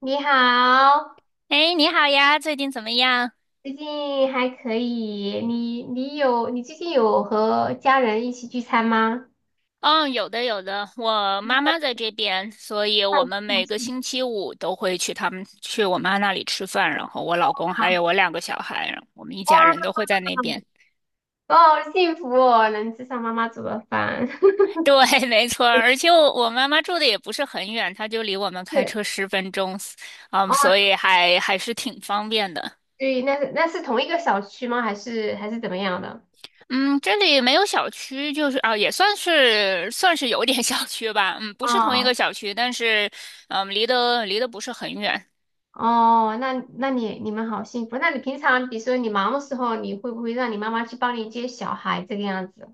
你好，哎，你好呀，最近怎么样？最近还可以。你最近有和家人一起聚餐吗？嗯，有的有的，我 妈妈哦，在这边，所以太我好们幸每个福了。星期五都会去他们去我妈那里吃饭，然后我老公还有我两个小孩，我们一哇，家人都会在那边。我好幸福哦，能吃上妈妈煮的饭。对，没错儿。而且我妈妈住的也不是很远，她就离我们开是。车10分钟，嗯，哦，所以还是挺方便的。对，那是同一个小区吗？还是怎么样的？嗯，这里没有小区，就是啊，也算是有点 小区吧。嗯，不是同一个哦。小区，但是离得不是很远。哦，那你们好幸福。那你平常比如说你忙的时候，你会不会让你妈妈去帮你接小孩这个样子？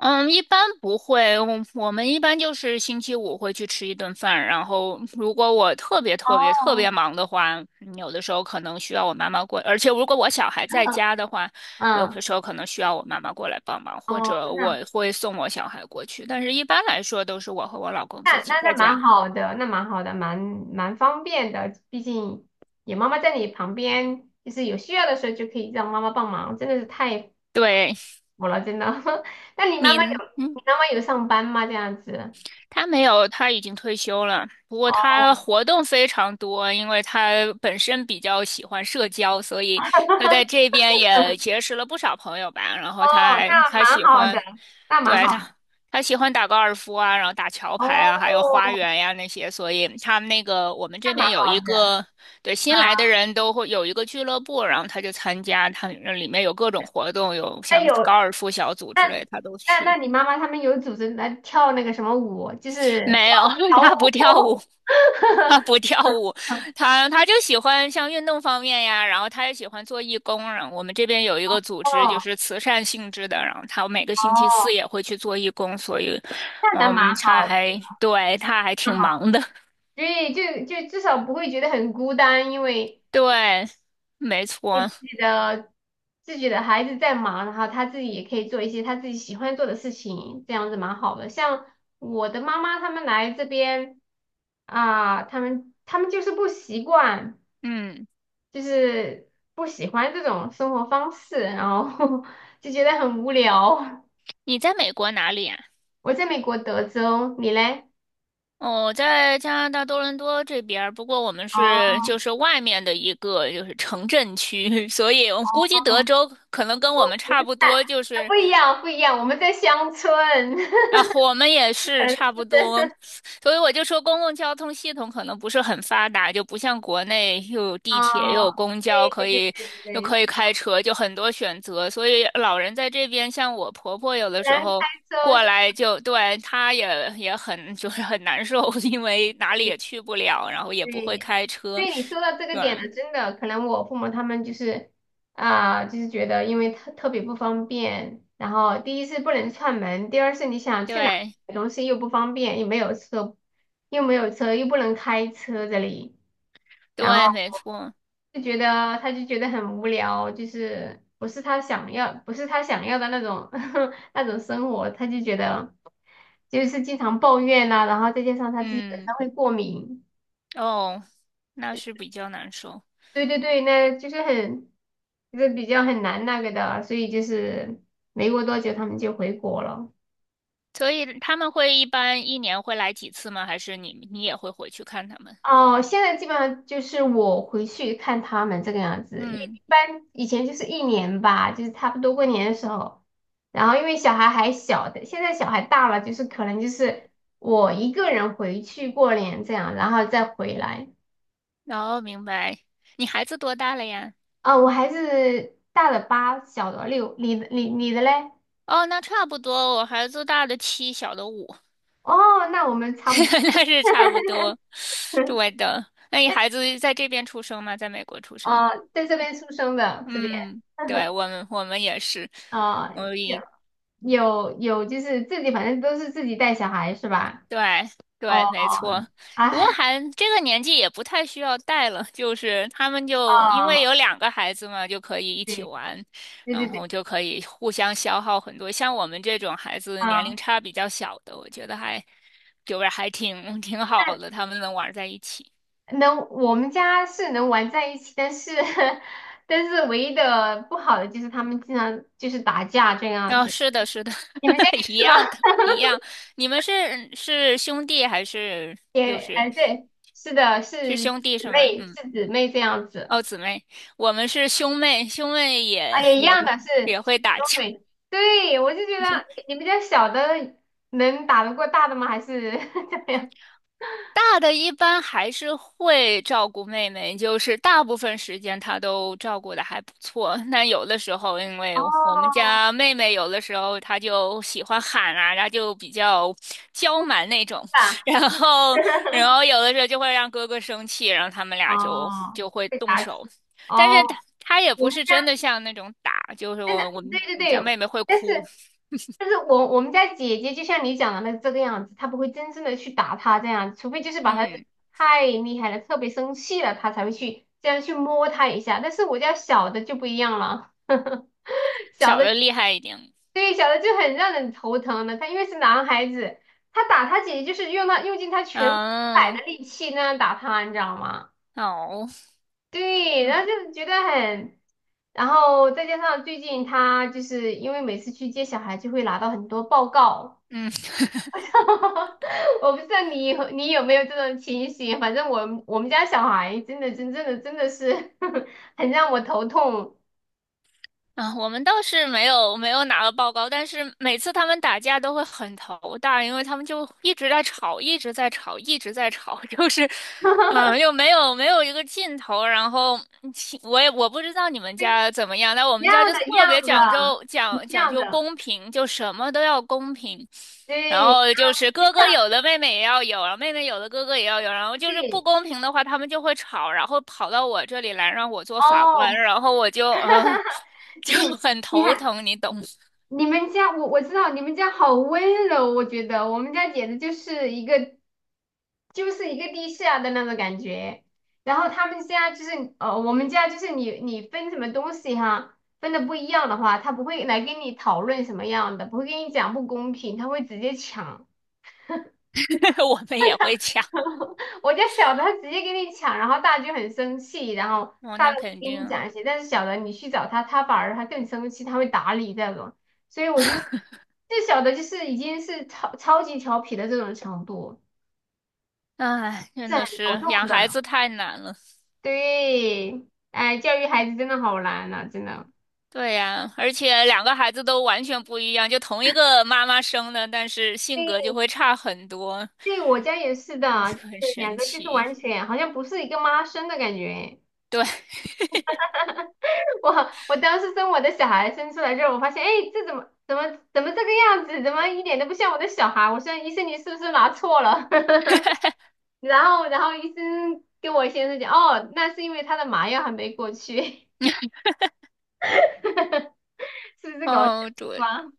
嗯，一般不会，我们一般就是星期五会去吃一顿饭，然后如果我特别特别特别哦。忙的话，有的时候可能需要我妈妈过，而且如果我小孩在家的话，有嗯。的时候可能需要我妈妈过来帮忙，或哦。者我那。会送我小孩过去，但是一般来说都是我和我老公自那那己在那蛮家。好的，那蛮好的，蛮方便的。毕竟有妈妈在你旁边，就是有需要的时候就可以让妈妈帮忙，真的是太对，服了，真的。那你妈妈有您。嗯你妈妈有上班吗？这样子？他没有，他已经退休了。不过他哦。 活动非常多，因为他本身比较喜欢社交，所以他在这 边也结识了不少朋友吧。然后哦，那他蛮喜好的，欢，那蛮对，好。他喜欢打高尔夫啊，然后打桥牌啊，还有哦，花园呀、那些。所以他们那个我们那这蛮边有好一的。个，对新啊。来的人都会有一个俱乐部，然后他就参加，他里面有各种活动，有那像有高尔夫小组之那类，他都那那去。你妈妈他们有组织来跳那个什么舞，就是 没广有，场他不跳舞。舞。他 不跳舞，他就喜欢像运动方面呀，然后他也喜欢做义工。然后我们这边有一个组织，就哦。是慈善性质的，然后他每个星期四哦，也会去做义工，所以，那嗯，蛮好。对，他还挺啊，忙的。对，就至少不会觉得很孤单，因为对，没错。自己的自己的孩子在忙，然后他自己也可以做一些他自己喜欢做的事情，这样子蛮好的。像我的妈妈他们来这边。啊，他们就是不习惯，嗯，就是不喜欢这种生活方式，然后 就觉得很无聊。你在美国哪里呀？我在美国德州，你嘞？哦，我在加拿大多伦多这边儿，不过我们就哦。是外面的一个就是城镇区，所以我估计哦，德州可能跟我们我我差们不在多，就是不一样，不一样，我们在乡村。啊，我们也是嗯，差不是的。多，所以我就说公共交通系统可能不是很发达，就不像国内又有地铁又有哦，公交，对对对对对又对，可以开车，就很多选择。所以老人在这边，像我婆婆有虽的时然开候车过是来就，对，她也很 就是很难受，因为不哪里一也去不了，然后也不会对，开车，对，你说到这个对点了，真的，可能我父母他们就是，啊、就是觉得因为特别不方便，然后第一是不能串门，第二是你想去哪对买东西又不方便，又没有车，又没有车，又不能开车这里。然后对，没错，就觉得他就觉得很无聊，就是不是他想要，不是他想要的那种 那种生活，他就觉得就是经常抱怨呐、然后再加上他自己本嗯，身会过敏，哦，那是比较难受。对对对，那就是很，就是比较很难那个的，所以就是没过多久他们就回国了。所以他们一般一年会来几次吗？还是你也会回去看他们？哦，现在基本上就是我回去看他们这个样子，一嗯，一般以前就是一年吧，就是差不多过年的时候，然后因为小孩还小的，现在小孩大了，就是可能就是我一个人回去过年这样，然后再回来。哦，明白。你孩子多大了呀？啊、我孩子大的8，小的6，你的嘞？哦，那差不多，我孩子大的七，小的五，哦，那我们 差不多。那是差不多。对的。那你孩子在这边出生吗？在美国出生？啊，在这边出生的这边。嗯，对，我们也是，啊、我有一有有，就是自己，反正都是自己带小孩是吧？对哦。对，没错。哦。不过哎。还这个年纪也不太需要带了，就是他们就因为哦，有两个孩子嘛，就可以一起对，玩，对对然对，后就可以互相消耗很多。像我们这种孩子年龄嗯，差比较小的，我觉得还就是还 挺好的，他们能玩在一起。能，我们家是能玩在一起，但是，但是唯一的不好的就是他们经常就是打架这样哦，子。是的，是的，你们家也 一是吗？样的，一样。你们是兄弟还是 又也，是哎，对，是的，是是兄弟是姊吗？妹，嗯。是姊妹这样子。哦，姊妹，我们是兄妹，兄妹啊，也也一也样会的，是也会打都架。会。对，我就觉不行，得你们家小的能打得过大的吗？还是 怎么样？大的一般还是会照顾妹妹，就是大部分时间她都照顾的还不错。那有的时候，因为我们哦，家妹妹有的时候她就喜欢喊啊，她就比较娇蛮那种，是吧？然后然后有的时候就会让哥哥生气，然后他们俩就哦，就会被动打起。手。但哦，是他也我不们是真家。的像那种打，就是真的，我我对们对我们家对，妹妹会但是哭，我们家姐姐就像你讲的那这个样子，她不会真正的去打他这样，除非就是把他嗯，太厉害了，特别生气了，他才会去这样去摸他一下。但是我家小的就不一样了，小小的。的厉害一点。对，小的就很让人头疼的，他因为是男孩子，他打他姐姐就是用他用尽他全百嗯，的力气那样打他，你知道吗？好，对，然后就是觉得很。然后再加上最近他就是因为每次去接小孩就会拿到很多报告，嗯。我不知道你有没有这种情形，反正我们家小孩真的真正的真的是 很让我头痛。啊，我们倒是没有拿到报告，但是每次他们打架都会很头大，因为他们就一直在吵，一直在吵，一直在吵，就是，嗯，又没有一个尽头。然后我不知道你们家怎么样，但我一们样家就的，一特别样讲的，究一讲讲样究的，公平，就什么都要公平。然对，后就是非哥哥常有的妹妹也要有，然后妹妹有的哥哥也要有，然后就是不对。公平的话，他们就会吵，然后跑到我这里来让我做法官，哦，然后我就啊。你。就很你头看疼，你懂？你们家，我知道你们家好温柔，我觉得我们家简直就是一个就是一个地下的那种感觉。然后他们家就是，我们家就是你分什么东西哈，分的不一样的话，他不会来跟你讨论什么样的，不会跟你讲不公平，他会直接抢。我们也会抢，我家小的他直接给你抢，然后大就很生气，然后哦，大的那会肯跟你定，讲一些，但是小的你去找他，他反而他更生气，他会打你这种。所以我就是最小的就是已经是超级调皮的这种程度，唉，真是很的头是痛养孩的。子太难了。对，哎，教育孩子真的好难呐、真的。对呀，而且两个孩子都完全不一样，就同一个妈妈生的，但是性对，格就会差很多，对，我家也是也的，是很就是两神个就是奇。完全好像不是一个妈生的感觉。对，我。我当时生我的小孩生出来之后，我发现，哎，这怎么这个样子，怎么一点都不像我的小孩？我说医生，你是不是拿错了？然后医生跟我先生讲，哦，那是因为他的麻药还没过去，是不是搞笑哦，是对，吧？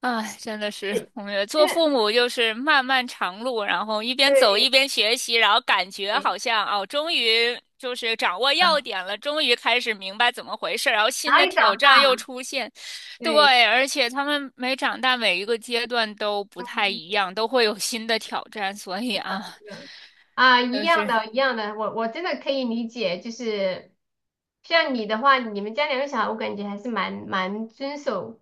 唉，真的是，对，我们真做的。父母就是漫漫长路，然后一边走一对，边学习，然后感觉对。嗯，好像哦，终于就是掌握要点了，终于开始明白怎么回事，然后然新后的也挑长战大又了，出现。对。对，而且他们每长大每一个阶段都不太一样，都会有新的挑战，所以是啊，的。啊，一就样是的，一样的，我真的可以理解，就是像你的话，你们家两个小孩，我感觉还是蛮遵守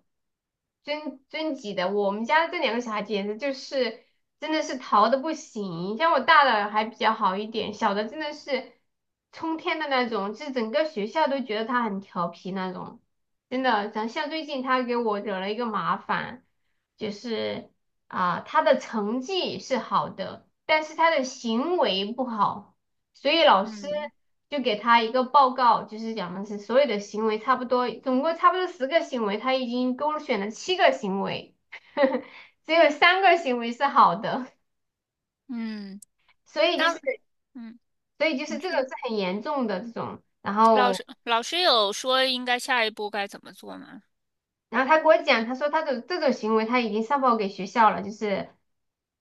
遵纪的。我们家这两个小孩简直就是真的是淘的不行，像我大的还比较好一点，小的真的是冲天的那种，就是整个学校都觉得他很调皮那种，真的。像最近他给我惹了一个麻烦。就是，啊，他的成绩是好的，但是他的行为不好，所以老师嗯就给他一个报告，就是讲的是所有的行为差不多，总共差不多10个行为，他已经勾选了七个行为，只有三个行为是好的，嗯，所以就是那嗯，你这种说是很严重的这种，然老后师老师有说应该下一步该怎么做吗？他给我讲，他说他的这种行为他已经上报给学校了，就是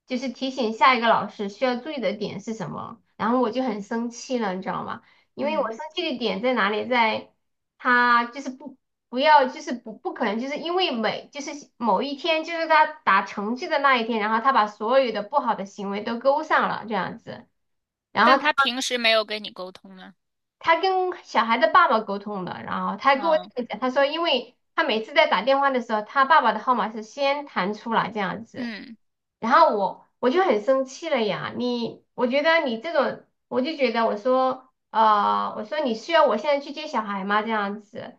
就是提醒下一个老师需要注意的点是什么。然后我就很生气了，你知道吗？因为我生嗯，气的点在哪里？在他就是不要就是不可能就是因为每就是某一天就是他打成绩的那一天，然后他把所有的不好的行为都勾上了这样子。然后但他。他平时没有跟你沟通呢。他跟小孩的爸爸沟通的，然后他跟我嗯这么讲，他说，因为他每次在打电话的时候，他爸爸的号码是先弹出来这样子，嗯，然后我就很生气了呀，你，我觉得你这种，我就觉得我说，我说你需要我现在去接小孩吗？这样子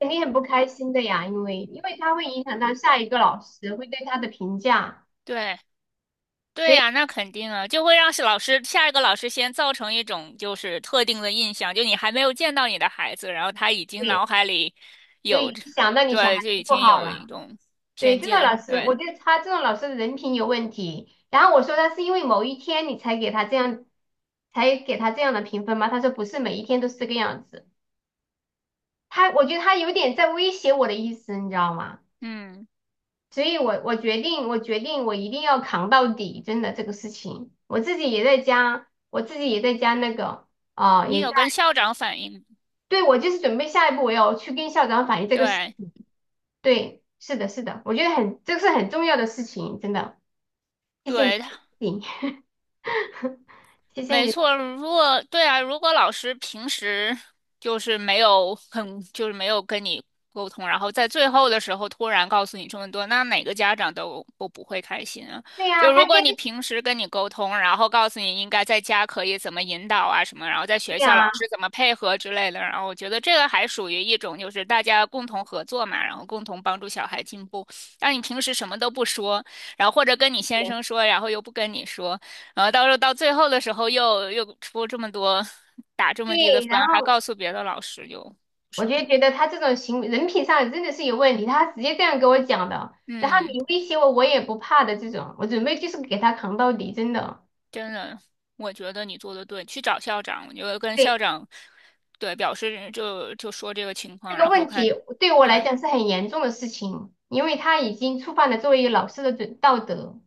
肯定很不开心的呀，因为他会影响到下一个老师会对他的评价，对所对以呀，那肯定啊，就会让是老师下一个老师先造成一种就是特定的印象，就你还没有见到你的孩子，然后他已经脑对，海里所有以着，想到你小孩对，就子已不经好有一了。种对，偏这种老见，师，对，我觉得他这种老师的人品有问题。然后我说他是因为某一天你才给他这样，才给他这样的评分吗？他说不是每一天都是这个样子。他，我觉得他有点在威胁我的意思，你知道吗？嗯，所以我决定，我决定我一定要扛到底，真的这个事情，我自己也在加，我自己也在加那个，啊、你也在，有跟校长反映吗？对，我就是准备下一步我要去跟校长反映这个事。对对，是的，是的，我觉得很，这个是很重要的事情，真的，谢谢你对，的提醒。 谢谢没你。错，对啊，如果老师平时就是没有很，就是没有跟你沟通，然后在最后的时候突然告诉你这么多，那哪个家长都不会开心啊。对呀、就他如跟果你平时跟你沟通，然后告诉你应该在家可以怎么引导啊什么，然后在对学校老呀，师怎么配合之类的，然后我觉得这个还属于一种就是大家共同合作嘛，然后共同帮助小孩进步。但你平时什么都不说，然后或者跟你先生说，然后又不跟你说。然后到最后的时候又出这么多，打这对，么低的分，然还后告诉别的老师就不我是就很，觉得他这种行为人品上真的是有问题，他直接这样跟我讲的。然后嗯，你威胁我，我也不怕的这种，我准备就是给他扛到底，真的。真的，我觉得你做的对，去找校长，我就跟校对，长，对，表示就说这个情这况，个然后问看，题对我来对，讲是很严重的事情，因为他已经触犯了作为老师的准道德。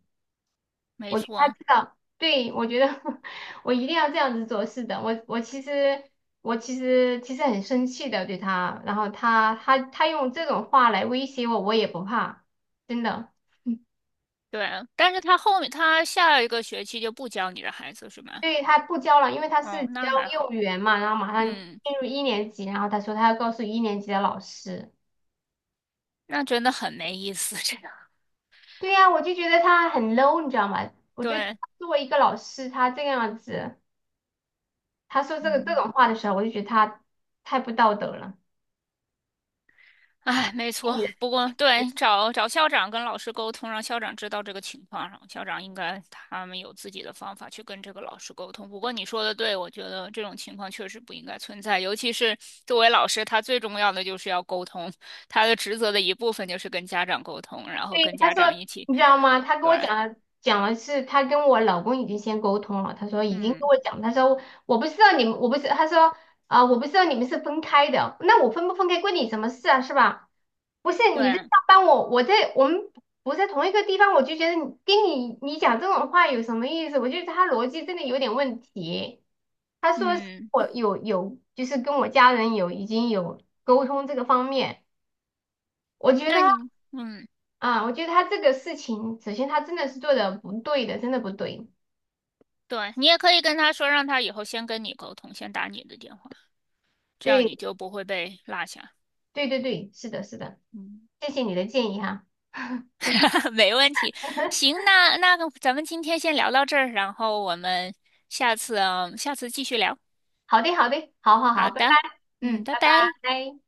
没我觉得他错，知道，对，我觉得 我一定要这样子做。是的，我其实其实很生气的对他，然后他用这种话来威胁我，我也不怕，真的。对，但是他后面他下一个学期就不教你的孩子是吗？对，他不教了，因为他是哦，教那还幼儿好，园嘛，然后马上嗯，进入一年级，然后他说他要告诉一年级的老师。那真的很没意思，这个，对呀，我就觉得他很 low，你知道吗？我觉得对，作为一个老师，他这个样子，他说这个这嗯。种话的时候，我就觉得他太不道德了。哎，没错。不过，对，找找校长跟老师沟通，让校长知道这个情况，然后校长应该他们有自己的方法去跟这个老师沟通。不过你说的对，我觉得这种情况确实不应该存在，尤其是作为老师，他最重要的就是要沟通，他的职责的一部分就是跟家长沟通，然后对，跟他家长说，一起，你知道吗？他跟对，我讲了，讲了是他跟我老公已经先沟通了。他说已经跟嗯，我讲，他说我不知道你们，我不是，他说，啊、我不知道你们是分开的，那我分不分开关你什么事啊，是吧？不是你在上对，班我，我在我们不在同一个地方，我就觉得你跟你讲这种话有什么意思？我觉得他逻辑真的有点问题。他说是嗯，我有就是跟我家人有已经有沟通这个方面。我觉得。那你，嗯，啊，我觉得他这个事情，首先他真的是做的不对的，真的不对。对，你也可以跟他说，让他以后先跟你沟通，先打你的电话，这样对，你就不会被落下。对对对，是的，是的，嗯。谢谢你的建议哈。谢谢。没问题。行，那个咱们今天先聊到这儿，然后我们下次继续聊。好的，好的，好好好好，拜拜。的，嗯，嗯，拜拜拜。拜。